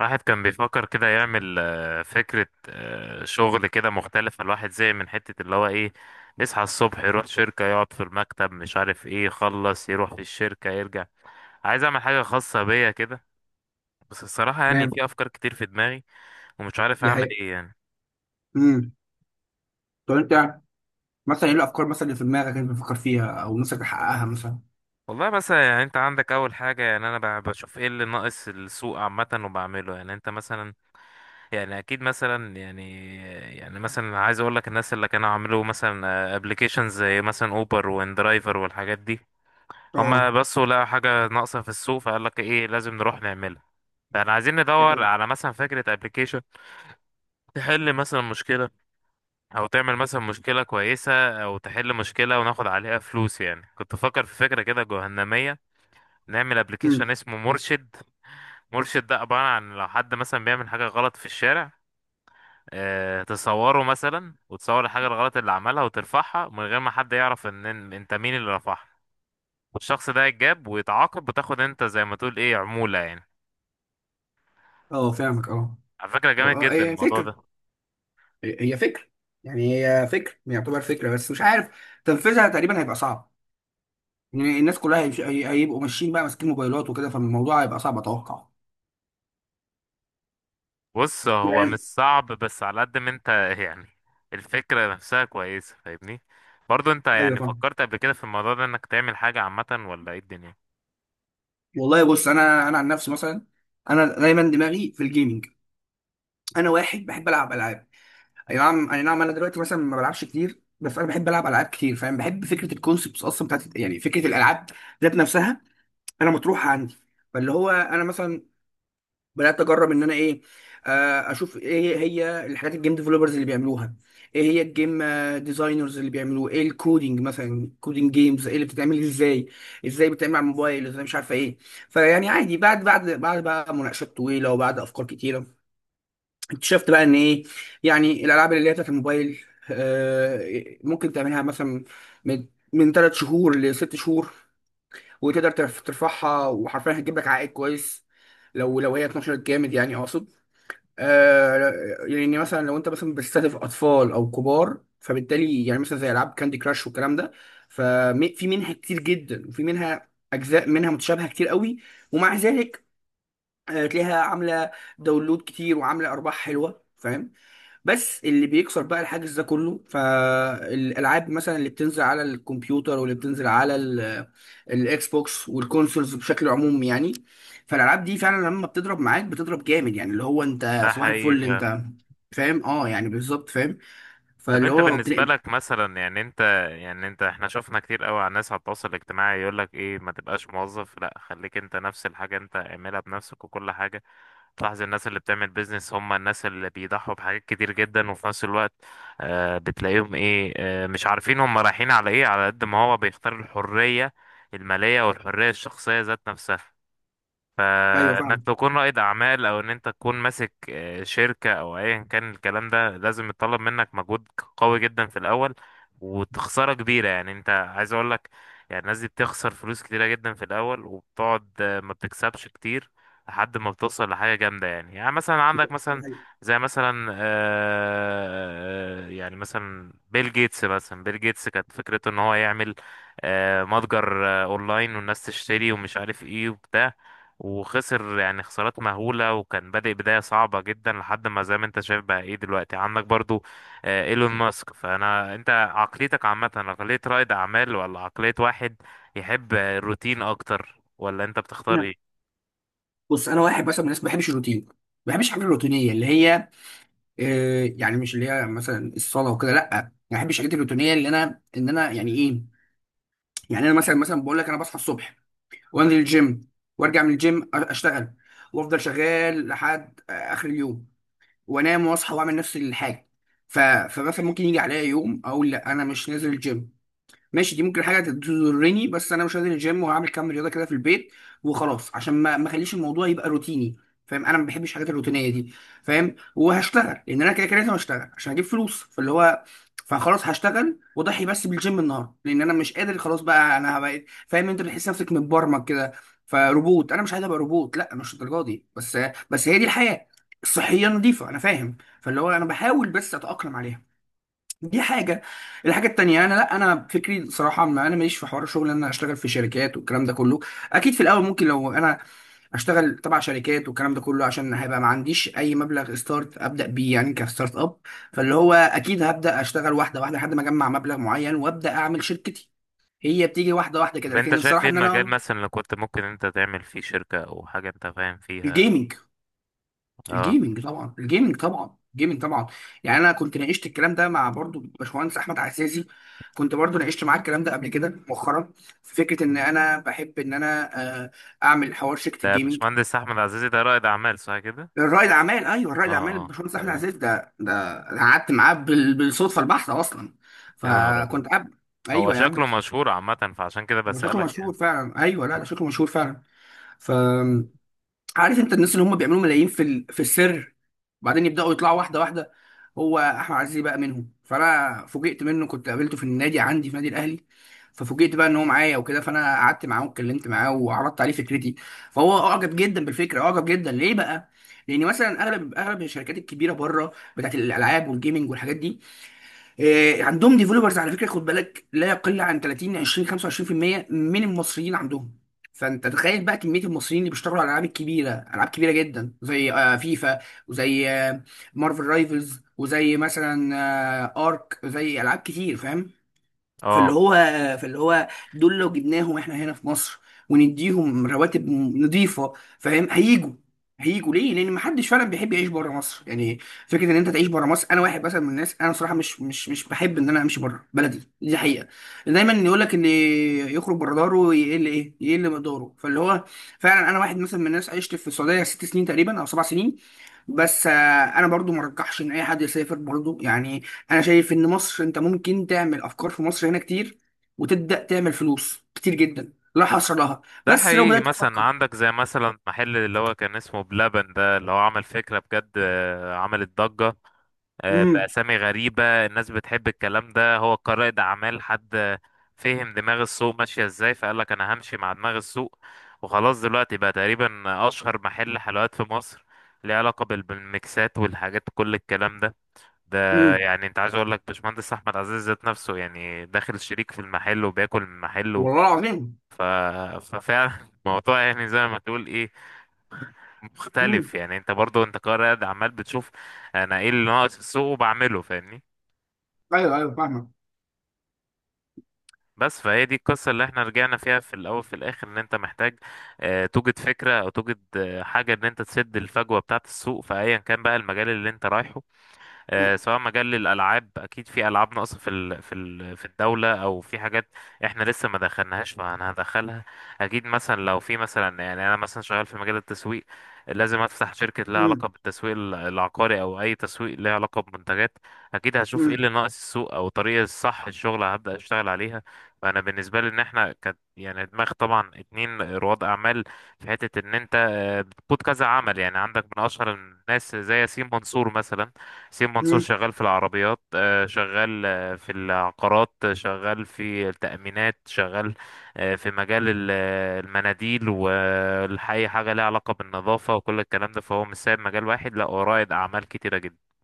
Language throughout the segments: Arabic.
الواحد كان بيفكر كده يعمل فكرة، شغل كده مختلفة. الواحد زي من حتة اللي هو ايه؟ يصحى الصبح يروح شركة، يقعد في المكتب مش عارف ايه، يخلص يروح في الشركة يرجع. عايز اعمل حاجة خاصة بيا كده. بس الصراحة يعني تمام. في افكار كتير في دماغي، ومش عارف دي اعمل حقيقة. ايه يعني. امم. طب انت، مثلا ايه الافكار مثلا اللي في دماغك انت بتفكر فيها او نفسك تحققها مثلا؟ والله مثلا يعني، انت عندك اول حاجة، يعني انا بشوف ايه اللي ناقص السوق عامة وبعمله. يعني انت مثلا، يعني اكيد مثلا يعني، يعني مثلا عايز اقول لك الناس اللي كانوا عملوا مثلا ابلكيشنز زي مثلا اوبر واندرايفر والحاجات دي، هما اه. بصوا لقوا حاجه ناقصه في السوق، فقال لك ايه لازم نروح نعملها. فاحنا عايزين دي ندور حقيقة. على مثلا فكره ابلكيشن تحل مثلا مشكله، او تعمل مثلا مشكله كويسه، او تحل مشكله وناخد عليها فلوس. يعني كنت بفكر في فكره كده جهنميه، نعمل امم. ابلكيشن اسمه مرشد. مرشد ده عباره عن لو حد مثلا بيعمل حاجه غلط في الشارع، تصوره مثلا، وتصور الحاجة الغلط اللي عملها وترفعها من غير ما حد يعرف ان انت مين اللي رفعها، والشخص ده يتجاب ويتعاقب، وتاخد انت زي ما تقول ايه، عمولة يعني. اه فاهمك اه. على فكرة و- جامد آه، جدا هي الموضوع فكر ده. هي فكر هي فكر يعتبر فكره، بس مش عارف تنفيذها تقريبا هيبقى صعب. يعني الناس كلها هيبقوا ماشيين بقى ماسكين موبايلات وكده، فالموضوع هيبقى صعب اتوقع بص هو مش يعني. صعب، بس على قد ما انت يعني الفكرة نفسها كويسة، فاهمني. برضو انت ايوه يعني فاهم. فكرت قبل كده في الموضوع ده انك تعمل حاجة عامة، ولا ايه الدنيا؟ والله بص، انا عن نفسي مثلا، انا دايما دماغي في الجيمنج. انا واحد بحب العب العاب. اي نعم، اي نعم، انا دلوقتي مثلا ما بلعبش كتير، بس انا بحب العب العاب كتير فاهم، بحب فكره الكونسبتس اصلا بتاعت يعني فكره الالعاب ذات نفسها انا مطروحه عندي. فاللي هو انا مثلا بدات اجرب ان انا ايه، اشوف ايه هي الحاجات الجيم ديفلوبرز اللي بيعملوها، ايه هي الجيم ديزاينرز اللي بيعملوه، ايه الكودينج مثلا، كودينج جيمز ايه اللي بتتعمل ازاي، ازاي بتتعمل على الموبايل ازاي، مش عارفه ايه. فيعني عادي، بعد بقى مناقشات طويله وبعد افكار كتيره اكتشفت بقى ان ايه، يعني الالعاب اللي هي بتاعت الموبايل ممكن تعملها مثلا من 3 شهور ل6 شهور، وتقدر ترفعها، وحرفيا هتجيب لك عائد كويس لو هي اتنشرت جامد، يعني اقصد، آه، يعني مثلا لو انت مثلا بتستهدف اطفال او كبار، فبالتالي يعني مثلا زي العاب كاندي كراش والكلام ده، ففي منها كتير جدا وفي منها اجزاء منها متشابهه كتير قوي، ومع ذلك تلاقيها عامله داونلود كتير وعامله ارباح حلوه فاهم. بس اللي بيكسر بقى الحاجز ده كله، فالالعاب مثلا اللي بتنزل على الكمبيوتر واللي بتنزل على الاكس بوكس والكونسولز بشكل عموم يعني، فالالعاب دي فعلا لما بتضرب معاك بتضرب جامد، يعني اللي هو انت ده صباح حقيقي الفل فعلا. انت فاهم. اه يعني بالظبط فاهم. طب فاللي انت هو بالنسبة بتلاقي. لك مثلا، يعني انت، يعني انت، احنا شفنا كتير قوي على الناس على التواصل الاجتماعي يقول لك ايه، ما تبقاش موظف، لا خليك انت نفس الحاجة، انت اعملها بنفسك وكل حاجة. تلاحظ الناس اللي بتعمل بيزنس هم الناس اللي بيضحوا بحاجات كتير جدا، وفي نفس الوقت بتلاقيهم ايه، مش عارفين هم رايحين على ايه، على قد ما هو بيختار الحرية المالية والحرية الشخصية ذات نفسها. ايوه فانك فاهم. تكون رائد اعمال، او ان انت تكون ماسك شركة او ايا كان، الكلام ده لازم يتطلب منك مجهود قوي جدا في الاول، وتخسارة كبيرة. يعني انت عايز اقول لك، يعني الناس دي بتخسر فلوس كتيرة جدا في الاول، وبتقعد ما بتكسبش كتير، لحد ما بتوصل لحاجة جامدة. يعني يعني مثلا عندك مثلا، دي زي مثلا يعني مثلا بيل جيتس. مثلا بيل جيتس كانت فكرته ان هو يعمل متجر اونلاين، والناس تشتري ومش عارف ايه وبتاع، وخسر يعني خسارات مهولة، وكان بادئ بداية صعبة جدا، لحد ما زي ما انت شايف بقى ايه دلوقتي. عندك برضو ايلون ماسك. فانا انت عقليتك عامة عقلية رائد اعمال، ولا عقلية واحد يحب الروتين اكتر؟ ولا انت بتختار حقيقة. ايه؟ بص انا واحد مثلا من الناس ما بحبش الروتين، ما بحبش الحاجات الروتينيه اللي هي، يعني مش اللي هي مثلا الصلاه وكده، لا ما بحبش الحاجات الروتينيه، اللي انا ان انا يعني ايه، يعني انا مثلا، مثلا بقول لك انا بصحى الصبح وانزل الجيم وارجع من الجيم اشتغل، وافضل شغال لحد اخر اليوم، وانام واصحى واعمل نفس الحاجه. فمثلا ممكن يجي عليا يوم اقول لا انا مش نازل الجيم، ماشي، دي ممكن حاجه تضرني، بس انا مش هنزل الجيم وهعمل كام رياضه كده في البيت وخلاص، عشان ما اخليش الموضوع يبقى روتيني فاهم. انا ما بحبش الحاجات الروتينيه دي فاهم. وهشتغل لان انا كده كده لازم اشتغل عشان اجيب فلوس، فاللي هو فخلاص هشتغل واضحي بس بالجيم النهارده، لان انا مش قادر خلاص بقى، انا بقيت فاهم. انت بتحس نفسك متبرمج كده فروبوت، انا مش عايز ابقى روبوت، لا مش الدرجه دي، بس بس هي دي الحياه الصحيه نظيفه انا فاهم. فاللي هو انا بحاول بس اتاقلم عليها. دي حاجة. الحاجة التانية، أنا لأ، أنا فكري صراحة ما أنا ماليش في حوار الشغل إن أنا أشتغل في شركات والكلام ده كله. أكيد في الأول ممكن لو أنا أشتغل تبع شركات والكلام ده كله، عشان هيبقى ما عنديش أي مبلغ ستارت أبدأ بيه يعني كستارت أب. فاللي هو أكيد هبدأ أشتغل واحدة واحدة لحد ما أجمع مبلغ معين وأبدأ أعمل شركتي. هي بتيجي واحدة واحدة كده، طب انت لكن شايف الصراحة ايه إن المجال أنا، مثلا اللي كنت ممكن انت تعمل فيه شركة، او حاجة انت فاهم فيها؟ الجيمنج. اه. الجيمنج طبعا، الجيمنج طبعا، الجيمنج طبعا. يعني انا كنت ناقشت الكلام ده مع برضو باشمهندس احمد عزازي، كنت برضو ناقشت معاه الكلام ده قبل كده مؤخرا، في فكره ان انا بحب ان انا آه، اعمل حوار شركه ده الجيمنج. باشمهندس احمد عزيزي ده رائد اعمال صح كده؟ الرائد اعمال، ايوه اه، الرائد اعمال اه باشمهندس احمد تمام. عزازي، ده. أنا قعدت معاه بالصدفه البحته اصلا، يا نهار ابيض! فكنت قاعد. هو ايوه يا عم. شكله مشهور عامة، فعشان كده هو شكله بسألك مشهور يعني. فعلا، ايوه، لا ده شكله مشهور فعلا. ف، عارف انت الناس اللي هم بيعملوا ملايين في في السر، وبعدين يبداوا يطلعوا واحده واحده، هو احمد عزيزي بقى منهم. فانا فوجئت منه، كنت قابلته في النادي عندي في نادي الاهلي. ففوجئت بقى ان هو معايا وكده، فانا قعدت معاه واتكلمت معاه وعرضت عليه فكرتي. فهو اعجب جدا بالفكره، اعجب جدا ليه بقى؟ لان مثلا اغلب الشركات الكبيره بره بتاعت الالعاب والجيمنج والحاجات دي عندهم ديفلوبرز، على فكره خد بالك لا يقل عن 30 20 25% من المصريين عندهم. فانت تخيل بقى كميه المصريين اللي بيشتغلوا على الالعاب الكبيره، العاب كبيره جدا زي فيفا، وزي مارفل رايفلز، وزي مثلا ارك، زي العاب كتير فاهم. فاللي اه. هو فاللي هو دول لو جبناهم احنا هنا في مصر ونديهم رواتب نظيفه، فاهم، هيجوا. هيجوا ليه؟ لان محدش فعلا بيحب يعيش بره مصر يعني. فكره ان انت تعيش بره مصر، انا واحد مثلا من الناس، انا صراحه مش بحب ان انا امشي بره بلدي، دي حقيقه. دايما يقول لك اللي يخرج بره داره يقل ايه؟ يقل مقداره. فاللي هو فعلا انا واحد مثلا من الناس عشت في السعوديه 6 سنين تقريبا او 7 سنين، بس انا برضو ما رجحش ان اي حد يسافر برضو يعني. انا شايف ان مصر، انت ممكن تعمل افكار في مصر هنا كتير وتبدا تعمل فلوس كتير جدا لا حصر لها، ده بس لو حقيقي. بدات مثلا تفكر. عندك زي مثلا محل اللي هو كان اسمه بلبن، ده اللي هو عمل فكرة بجد عملت ضجة، امم. بأسامي غريبة. الناس بتحب الكلام ده. هو كرائد أعمال حد فهم دماغ السوق ماشية ازاي، فقال لك أنا همشي مع دماغ السوق وخلاص. دلوقتي بقى تقريبا أشهر محل حلويات في مصر، ليه علاقة بالميكسات والحاجات كل الكلام ده. ده امم. يعني انت عايز اقول لك، باشمهندس احمد عزيز ذات نفسه يعني داخل شريك في المحل، وبياكل من محله. والله العظيم. ف... ففعلا الموضوع يعني زي ما تقول ايه، امم. مختلف. يعني انت برضو انت قاعد عمال بتشوف انا ايه اللي ناقص السوق وبعمله، فاهمني. ايوه ايوه فاهمك. بس فهي دي القصة اللي احنا رجعنا فيها في الاول في الاخر، ان انت محتاج اه توجد فكرة، او توجد حاجة ان انت تسد الفجوة بتاعة السوق في ايا كان بقى المجال اللي انت رايحه. امم. سواء مجال الالعاب، اكيد في العاب ناقصه في الدوله، او في حاجات احنا لسه ما دخلناهاش فانا هدخلها. اكيد مثلا لو في مثلا، يعني انا مثلا شغال في مجال التسويق، لازم افتح شركه لها علاقه بالتسويق العقاري، او اي تسويق لها علاقه بمنتجات. اكيد هشوف ايه امم. اللي ناقص السوق، او الطريقه الصح للشغل هبدا اشتغل عليها. فانا بالنسبه لي، ان احنا كانت يعني دماغ طبعا اتنين رواد اعمال، في حته ان انت بتقود كذا عمل. يعني عندك من اشهر الناس زي ياسين منصور مثلا، حسين منصور، امم. شغال في العربيات شغال في العقارات، شغال في التأمينات، شغال في مجال المناديل، والحي حاجة ليها علاقة بالنظافة وكل الكلام ده. فهو مش سايب مجال واحد، لا هو رائد أعمال كتيرة جدا.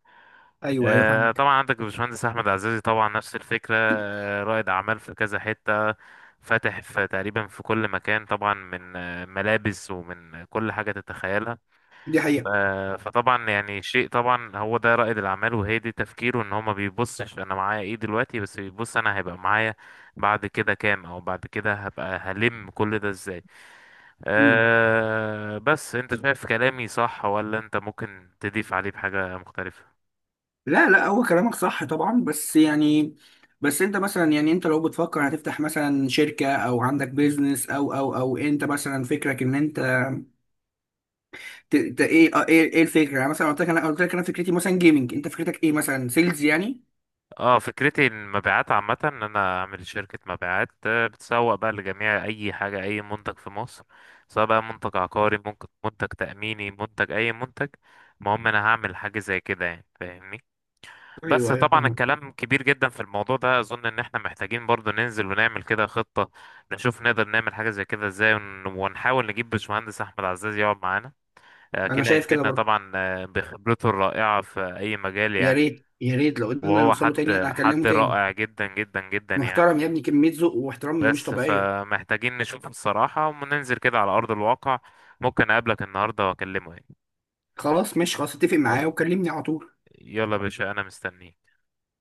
ايوه ايوه فاهمك. طبعا عندك الباشمهندس أحمد عزازي طبعا نفس الفكرة، رائد أعمال في كذا حتة، فاتح في تقريبا في كل مكان طبعا. من ملابس ومن كل حاجة تتخيلها. دي حقيقه. فطبعا يعني شيء، طبعا هو ده رائد الاعمال، وهي دي تفكيره. ان هو ما بيبصش انا معايا ايه دلوقتي، بس بيبص انا هيبقى معايا بعد كده كام، او بعد كده هبقى هلم كل ده ازاي. امم. أه، بس انت شايف كلامي صح، ولا انت ممكن تضيف عليه بحاجة مختلفة؟ لا، لا هو كلامك صح طبعا، بس يعني بس انت مثلا، يعني انت لو بتفكر هتفتح مثلا شركه او عندك بيزنس او انت مثلا فكرك ان انت، ايه، ايه ايه الفكره، يعني مثلا قلت لك انا، فكرتي مثلا جيمنج، انت فكرتك ايه مثلا سيلز يعني؟ اه، فكرتي المبيعات عامة، ان انا اعمل شركة مبيعات بتسوق بقى لجميع اي حاجة، اي منتج في مصر. سواء بقى منتج عقاري، ممكن منتج تأميني، منتج اي منتج، المهم انا هعمل حاجة زي كده يعني، فاهمني. بس ايوه ايوه طبعا فاهمك. الكلام كبير جدا في الموضوع ده. اظن ان احنا محتاجين برضو ننزل ونعمل كده خطة، نشوف نقدر نعمل حاجة زي كده ازاي، ونحاول نجيب باشمهندس احمد عزاز يقعد معانا. انا كده شايف كده هيفيدنا برضه. طبعا بخبرته الرائعة في اي مجال يا يعني. ريت يا ريت لو قدرنا وهو نوصله حد تاني انا حد هكلمه تاني. رائع جدا جدا جدا يعني. محترم يا ابني، كميه ذوق واحترام مش بس طبيعيه. فمحتاجين نشوفه الصراحة، وننزل كده على أرض الواقع. ممكن أقابلك النهاردة وأكلمه يعني. خلاص ماشي، خلاص اتفق معايا يلا، وكلمني على طول. يلا يا باشا أنا مستنيك.